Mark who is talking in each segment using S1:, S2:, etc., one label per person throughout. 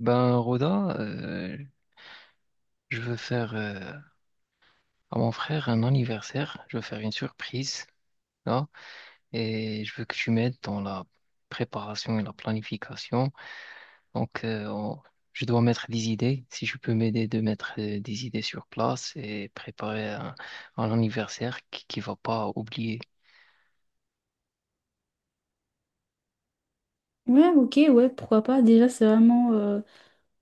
S1: Ben, Roda, je veux faire à mon frère un anniversaire. Je veux faire une surprise, là, et je veux que tu m'aides dans la préparation et la planification. Donc, euh, on- je dois mettre des idées. Si tu peux m'aider de mettre des idées sur place et préparer un anniversaire qui va pas oublier.
S2: Ouais, ok, ouais, pourquoi pas. Déjà, c'est vraiment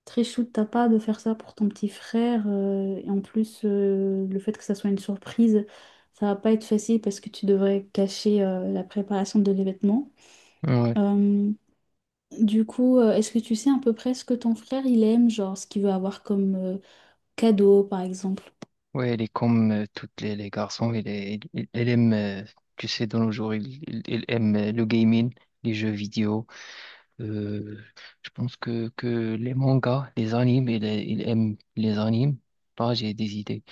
S2: très chou de ta part de faire ça pour ton petit frère. Et en plus, le fait que ça soit une surprise, ça va pas être facile parce que tu devrais cacher la préparation de l'événement.
S1: Ouais,
S2: Euh, du coup, est-ce que tu sais à peu près ce que ton frère il aime, genre ce qu'il veut avoir comme cadeau, par exemple?
S1: ouais, elle est comme toutes les garçons. Elle aime, tu sais, dans nos jours, il aime le gaming, les jeux vidéo. Euh, je pense que les mangas, les animes, il aime les animes. Là, j'ai des idées.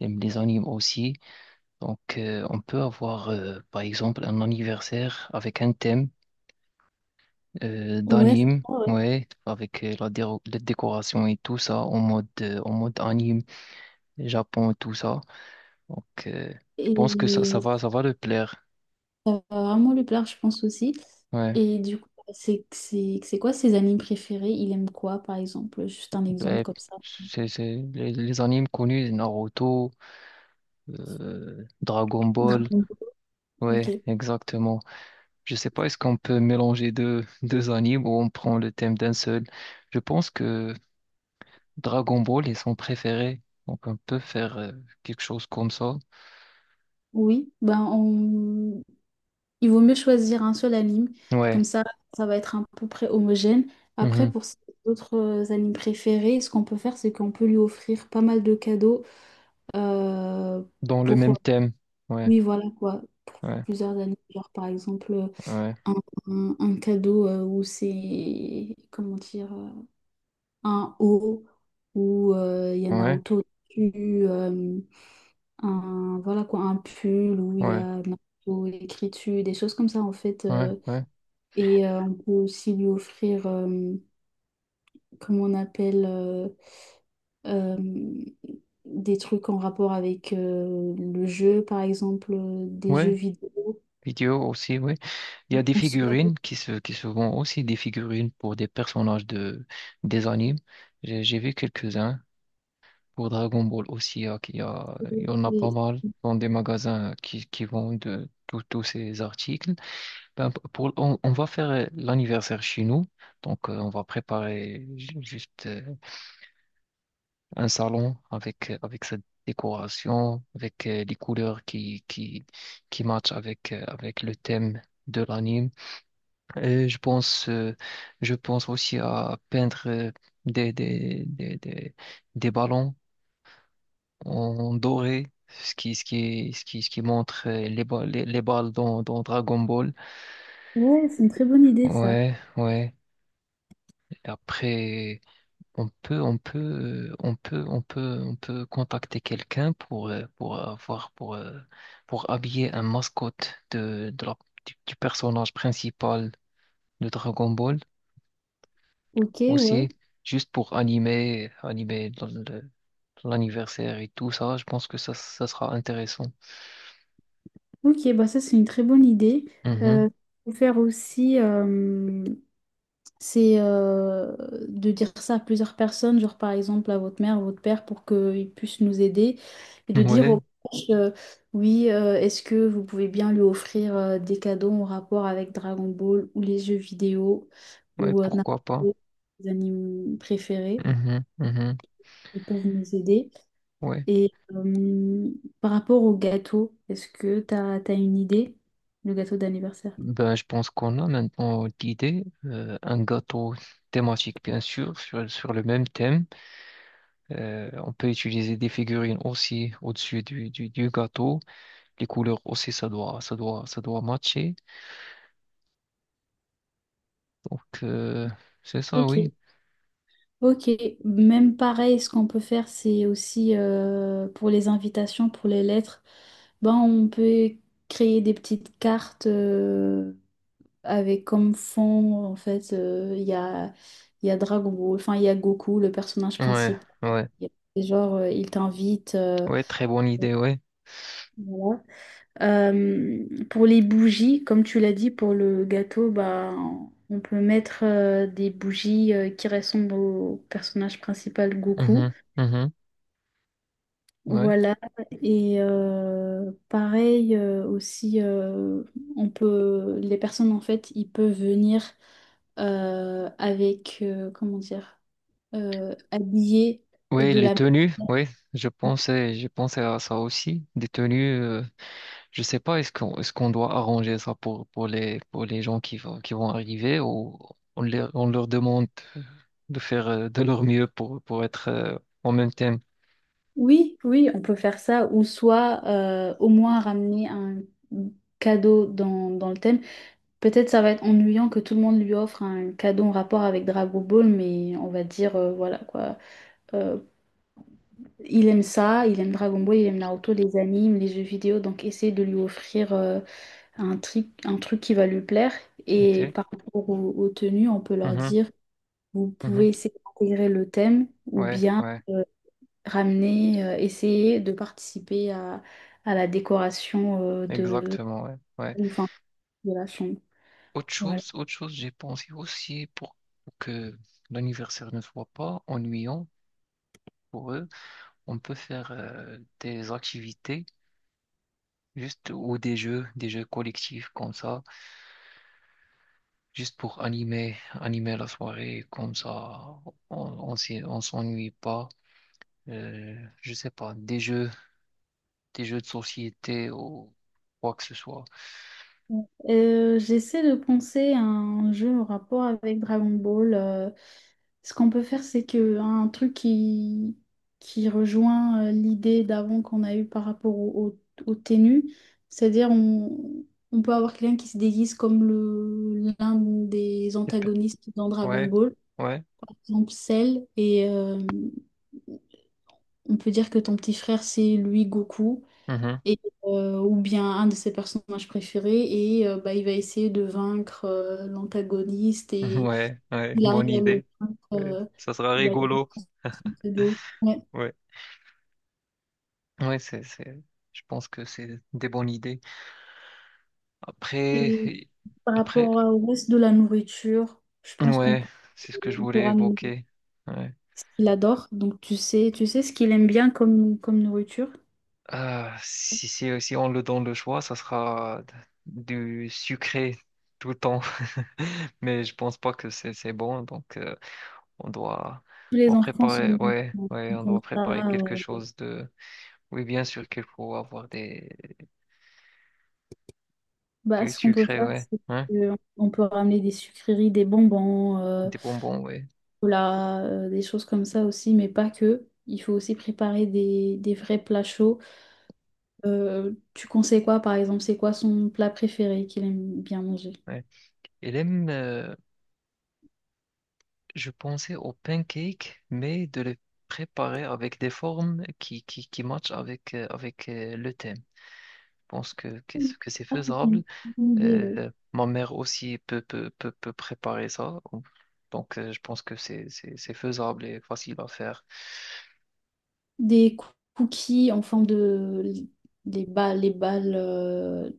S1: Il aime les animes aussi. Donc, on peut avoir, par exemple, un anniversaire avec un thème
S2: Ouais, c'est
S1: d'anime,
S2: ça, ouais.
S1: ouais, avec la décoration et tout ça, en mode anime, Japon et tout ça. Donc, je pense que
S2: Et
S1: ça va le plaire.
S2: ça va vraiment lui plaire, je pense aussi.
S1: Ouais.
S2: Et du coup, c'est quoi ses animes préférés? Il aime quoi, par exemple? Juste un exemple
S1: Ouais.
S2: comme ça.
S1: C'est les animes connus, Naruto, Dragon Ball.
S2: Dragon Ball. Ok.
S1: Ouais, exactement. Je sais pas, est-ce qu'on peut mélanger deux animes ou on prend le thème d'un seul? Je pense que Dragon Ball est son préféré, donc on peut faire quelque chose comme ça.
S2: Oui, ben il vaut mieux choisir un seul anime.
S1: Ouais,
S2: Comme ça va être à peu près homogène.
S1: mhm.
S2: Après, pour ses autres animes préférés, ce qu'on peut faire, c'est qu'on peut lui offrir pas mal de cadeaux euh,
S1: Dans le même
S2: pour...
S1: thème. Ouais,
S2: oui, voilà quoi. Pour
S1: ouais,
S2: plusieurs animes. Genre, par exemple,
S1: ouais,
S2: un, un cadeau comment dire? Un haut où il y a
S1: ouais,
S2: Naruto dessus, un, voilà quoi, un pull où il y
S1: ouais,
S2: a Naruto écrit dessus, des choses comme ça en fait.
S1: ouais, ouais,
S2: Et on peut aussi lui offrir, comment on appelle, euh, des trucs en rapport avec le jeu, par exemple, des
S1: ouais.
S2: jeux vidéo.
S1: Vidéo aussi, ouais. Il y a des
S2: On se-
S1: figurines qui se vendent aussi des figurines pour des personnages des animes. J'ai vu quelques-uns. Pour Dragon Ball aussi, qu'il y a, il y en a pas mal dans des magasins qui vendent de tous ces articles. Ben, pour, on va faire l'anniversaire chez nous, donc on va préparer juste un salon avec, avec cette décoration, avec les couleurs qui matchent avec, avec le thème de l'anime. Et je pense aussi à peindre des ballons en doré, ce qui, ce qui, ce qui, ce qui montre les balles, les balles dans Dragon Ball.
S2: Ouais, c'est une très bonne idée ça.
S1: Ouais, ouais. Après, on peut, on peut, on peut, on peut, on peut contacter quelqu'un pour avoir, pour habiller un mascotte de la, du personnage principal de Dragon Ball
S2: Ok, ouais.
S1: aussi, juste pour animer, l'anniversaire et tout ça. Je pense que ça sera intéressant.
S2: Ok, bah ça c'est une très bonne idée.
S1: Mhm.
S2: Euh, Faut faire aussi, c'est de dire ça à plusieurs personnes, genre par exemple à votre mère, votre père, pour qu'ils puissent nous aider et de dire aux
S1: Ouais,
S2: proches, oui, est-ce que vous pouvez bien lui offrir des cadeaux en rapport avec Dragon Ball ou les jeux vidéo
S1: ouais,
S2: ou
S1: pourquoi pas.
S2: Naruto, les animes préférés,
S1: Mhm, mhm,
S2: ils peuvent nous aider.
S1: ouais.
S2: Et par rapport au gâteau, est-ce que tu as une idée, le gâteau d'anniversaire?
S1: Ben, je pense qu'on a maintenant d'idées. Un gâteau thématique, bien sûr, sur, sur le même thème. On peut utiliser des figurines aussi au-dessus du gâteau. Les couleurs aussi, ça doit, ça doit, ça doit matcher. Donc, c'est ça, oui.
S2: Ok, ok. Même pareil, ce qu'on peut faire, c'est aussi pour les invitations, pour les lettres, ben, on peut créer des petites cartes avec comme fond, en fait, il y a Dragon Ball, enfin, il y a Goku, le personnage
S1: Ouais,
S2: principal.
S1: ouais,
S2: Il Genre, il t'invite.
S1: ouais, très bonne idée, ouais.
S2: Voilà. Pour les bougies, comme tu l'as dit, pour le gâteau, bah, on peut mettre des bougies qui ressemblent au personnage principal Goku.
S1: Mhm, mhm, ouais.
S2: Voilà, et pareil aussi, les personnes en fait, ils peuvent venir avec, comment dire, habillés
S1: Ouais,
S2: de
S1: les
S2: la...
S1: tenues, ouais, je pensais à ça aussi. Des tenues. Je sais pas, est-ce qu'on doit arranger ça pour pour les gens qui vont arriver ou on, les on leur demande de faire de leur mieux pour être en même thème.
S2: Oui, oui, on peut faire ça, ou soit au moins ramener un cadeau dans le thème. Peut-être ça va être ennuyant que tout le monde lui offre un cadeau en rapport avec Dragon Ball, mais on va dire, voilà quoi. Euh, Il aime ça, il aime Dragon Ball, il aime Naruto, les animes, les jeux vidéo, donc essaye de lui offrir un truc qui va lui plaire.
S1: Ok.
S2: Et par rapport aux tenues, on peut leur
S1: Mhm,
S2: dire, vous pouvez
S1: mhm.
S2: essayer d'intégrer le thème ou
S1: Ouais,
S2: bien
S1: ouais,
S2: euh, ramener, essayer de participer à la décoration de,
S1: exactement. Ouais, ouais.
S2: enfin, de la chambre. Voilà.
S1: Autre chose, j'ai pensé aussi pour que l'anniversaire ne soit pas ennuyant pour eux, on peut faire des activités juste ou des jeux collectifs comme ça juste pour animer, animer la soirée, comme ça, on, on s'ennuie pas. Euh, je sais pas, des jeux de société ou quoi que ce soit.
S2: J'essaie de penser à un jeu en rapport avec Dragon Ball. Ce qu'on peut faire, c'est que un truc qui rejoint l'idée d'avant qu'on a eue par rapport au tenue, c'est-à-dire on peut avoir quelqu'un qui se déguise comme le l'un des
S1: Et pe-
S2: antagonistes dans Dragon
S1: Ouais,
S2: Ball,
S1: ouais,
S2: par exemple Cell, et on peut dire que ton petit frère, c'est lui Goku
S1: mhm.
S2: et, ou bien un de ses personnages préférés, et bah, il va essayer de vaincre l'antagoniste, et
S1: Ouais, ouais,
S2: il arrive
S1: bonne
S2: à le
S1: idée.
S2: vaincre.
S1: Ouais, ça sera
S2: Bah, il est
S1: rigolo.
S2: conscient de l'eau. Ouais.
S1: Ouais, ouais, c'est, je pense que c'est des bonnes idées. Après,
S2: Et par
S1: après,
S2: rapport au reste de la nourriture, je pense qu'
S1: ouais, c'est ce que je
S2: on peut
S1: voulais
S2: ramener
S1: évoquer. Ouais.
S2: ce qu'il adore. Donc tu sais ce qu'il aime bien comme nourriture.
S1: Si on le donne le choix, ça sera du sucré tout le temps. Mais je pense pas que c'est bon, donc on doit,
S2: Tous
S1: on
S2: les
S1: doit
S2: enfants
S1: préparer,
S2: sont,
S1: ouais, ouais,
S2: sont
S1: on
S2: comme
S1: doit
S2: ça.
S1: préparer quelque chose de. Oui, bien sûr qu'il faut avoir des
S2: Bah,
S1: du
S2: ce qu'on peut
S1: sucré,
S2: faire,
S1: ouais,
S2: c'est
S1: hein,
S2: qu'on peut ramener des sucreries, des bonbons.
S1: des bonbons, ouais,
S2: Chocolat, des choses comme ça aussi, mais pas que. Il faut aussi préparer des vrais plats chauds. Tu conseilles quoi, par exemple? C'est quoi son plat préféré qu'il aime bien manger?
S1: ouais. Et même, je pensais aux pancakes, mais de les préparer avec des formes qui matchent avec avec le thème. Je pense que c'est
S2: Ah, c'est une
S1: faisable.
S2: bonne idée, oui.
S1: Ma mère aussi peut, peut préparer ça. Donc, je pense que c'est faisable et facile à faire.
S2: Des cou- Cookies en forme de, des balles, les balles,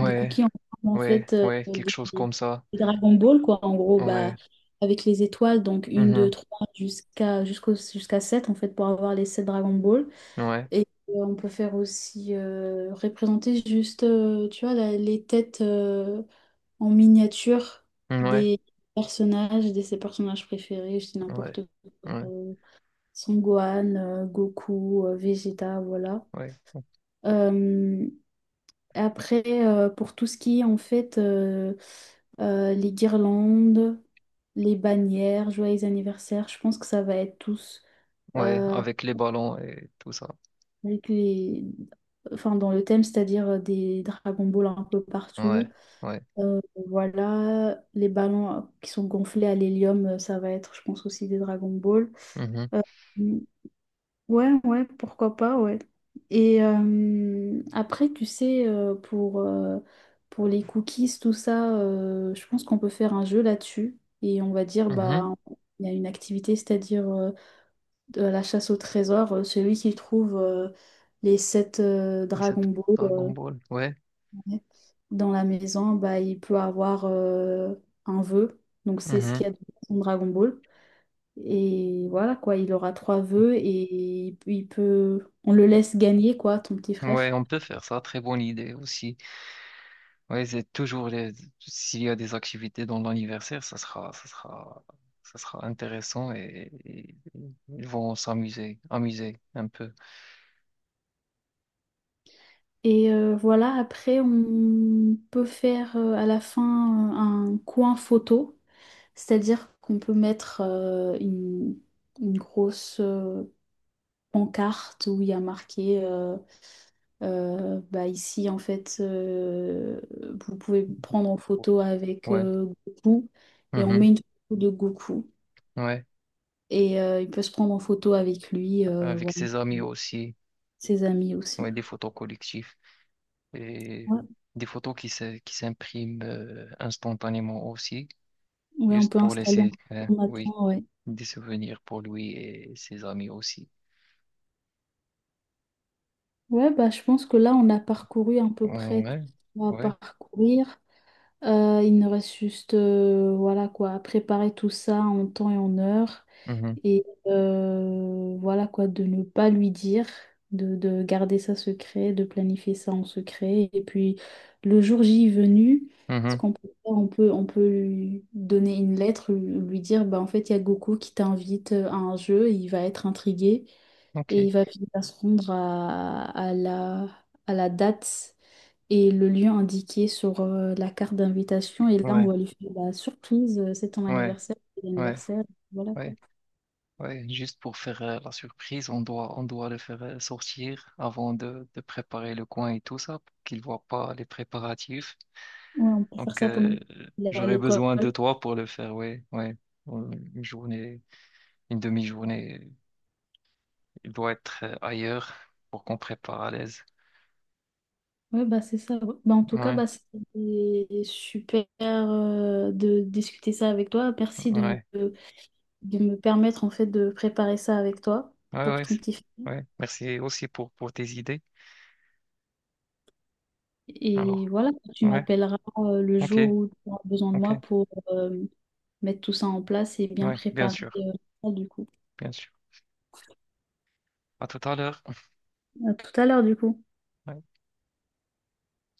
S2: des cookies en forme, en
S1: ouais,
S2: fait,
S1: ouais, quelque
S2: des,
S1: chose
S2: des
S1: comme ça.
S2: Dragon Ball, quoi. En gros, bah,
S1: Ouais,
S2: avec les étoiles, donc une, deux,
S1: mhm,
S2: trois, jusqu'à 7 en fait, pour avoir les 7 Dragon Ball.
S1: ouais,
S2: Et on peut faire aussi représenter juste, tu vois, les têtes en miniature
S1: ouais,
S2: des personnages, de ses personnages préférés, je dis
S1: ouais,
S2: n'importe quoi.
S1: ouais,
S2: Son Gohan, Goku, Vegeta, voilà.
S1: ouais,
S2: Euh, Après, pour tout ce qui est en fait les guirlandes, les bannières, joyeux anniversaire, je pense que ça va être tous.
S1: ouais,
S2: euh,
S1: avec les ballons et tout ça.
S2: avec les... enfin, dans le thème, c'est-à-dire des Dragon Ball un peu partout.
S1: Ouais, ouais,
S2: Euh, voilà, les ballons qui sont gonflés à l'hélium, ça va être, je pense, aussi des Dragon Ball.
S1: mhm,
S2: Euh, ouais, ouais, pourquoi pas, ouais. Et après, tu sais, pour les cookies, tout ça, je pense qu'on peut faire un jeu là-dessus. Et on va dire,
S1: mhm.
S2: bah, il y a une activité, c'est-à-dire, de la chasse au trésor, celui qui trouve les sept
S1: Et
S2: Dragon
S1: cette
S2: Ball,
S1: Dragon Ball, ouais,
S2: ouais, dans la maison, bah, il peut avoir un vœu. Donc c'est ce
S1: mhm.
S2: qu'il y a dans son Dragon Ball. Et voilà quoi, il aura trois vœux et il peut, on le laisse gagner quoi, ton petit frère.
S1: Ouais, on peut faire ça. Très bonne idée aussi. Oui, c'est toujours les... s'il y a des activités dans l'anniversaire, ça sera, ça sera, ça sera intéressant et ils vont s'amuser, amuser un peu.
S2: Et voilà, après on peut faire à la fin un coin photo, c'est-à-dire qu'on peut mettre une grosse, pancarte où il y a marqué bah ici en fait, vous pouvez vous prendre en photo avec
S1: Ouais,
S2: Goku, et on
S1: mhm,
S2: met une photo de Goku,
S1: ouais,
S2: et il peut se prendre en photo avec lui,
S1: avec
S2: voilà.
S1: ses amis aussi,
S2: Ses amis aussi,
S1: ouais, des photos collectives et
S2: ouais.
S1: des photos qui s'impriment instantanément aussi,
S2: Ouais, on
S1: juste
S2: peut
S1: pour
S2: installer un
S1: laisser, oui,
S2: photomaton, ouais.
S1: des souvenirs pour lui et ses amis aussi.
S2: Ouais, bah je pense que là on a parcouru à peu près tout
S1: Ouais,
S2: ce qu'on va
S1: ouais,
S2: parcourir. Il nous reste juste voilà quoi, à préparer tout ça en temps et en heure.
S1: mhm,
S2: Et voilà quoi, de ne pas lui dire, de garder ça secret, de planifier ça en secret. Et puis le jour J venu, ce
S1: mhm,
S2: qu'on peut faire, on peut lui donner une lettre, lui dire bah, en fait, il y a Goku qui t'invite à un jeu, il va être intrigué et
S1: ok,
S2: il va finir par se rendre à la date et le lieu indiqué sur la carte d'invitation. Et là, on
S1: ouais,
S2: va lui faire la surprise, c'est ton
S1: ouais,
S2: anniversaire, c'est
S1: ouais.
S2: l'anniversaire, voilà quoi.
S1: Ouais. Ouais, juste pour faire la surprise, on doit le faire sortir avant de préparer le coin et tout ça, pour qu'il voit pas les préparatifs.
S2: Ouais, on peut faire
S1: Donc,
S2: ça pendant qu'il est à
S1: j'aurais
S2: l'école.
S1: besoin de toi pour le faire, ouais, ouais. Une journée, une demi-journée, il doit être ailleurs pour qu'on prépare à l'aise.
S2: Ouais, bah c'est ça. Ouais. Bah, en tout cas,
S1: Ouais,
S2: bah, c'était super de discuter ça avec toi. Merci
S1: ouais,
S2: de me permettre en fait de préparer ça avec toi
S1: ouais,
S2: pour
S1: ouais,
S2: ton
S1: c'est-
S2: petit film.
S1: ouais. Merci aussi pour tes idées.
S2: Et
S1: Alors,
S2: voilà, tu
S1: ouais,
S2: m'appelleras le
S1: ok,
S2: jour où tu auras besoin de
S1: ok,
S2: moi pour mettre tout ça en place et bien
S1: ouais, bien
S2: préparer
S1: sûr,
S2: ça du coup.
S1: bien sûr. À tout à l'heure.
S2: À tout à l'heure, du coup.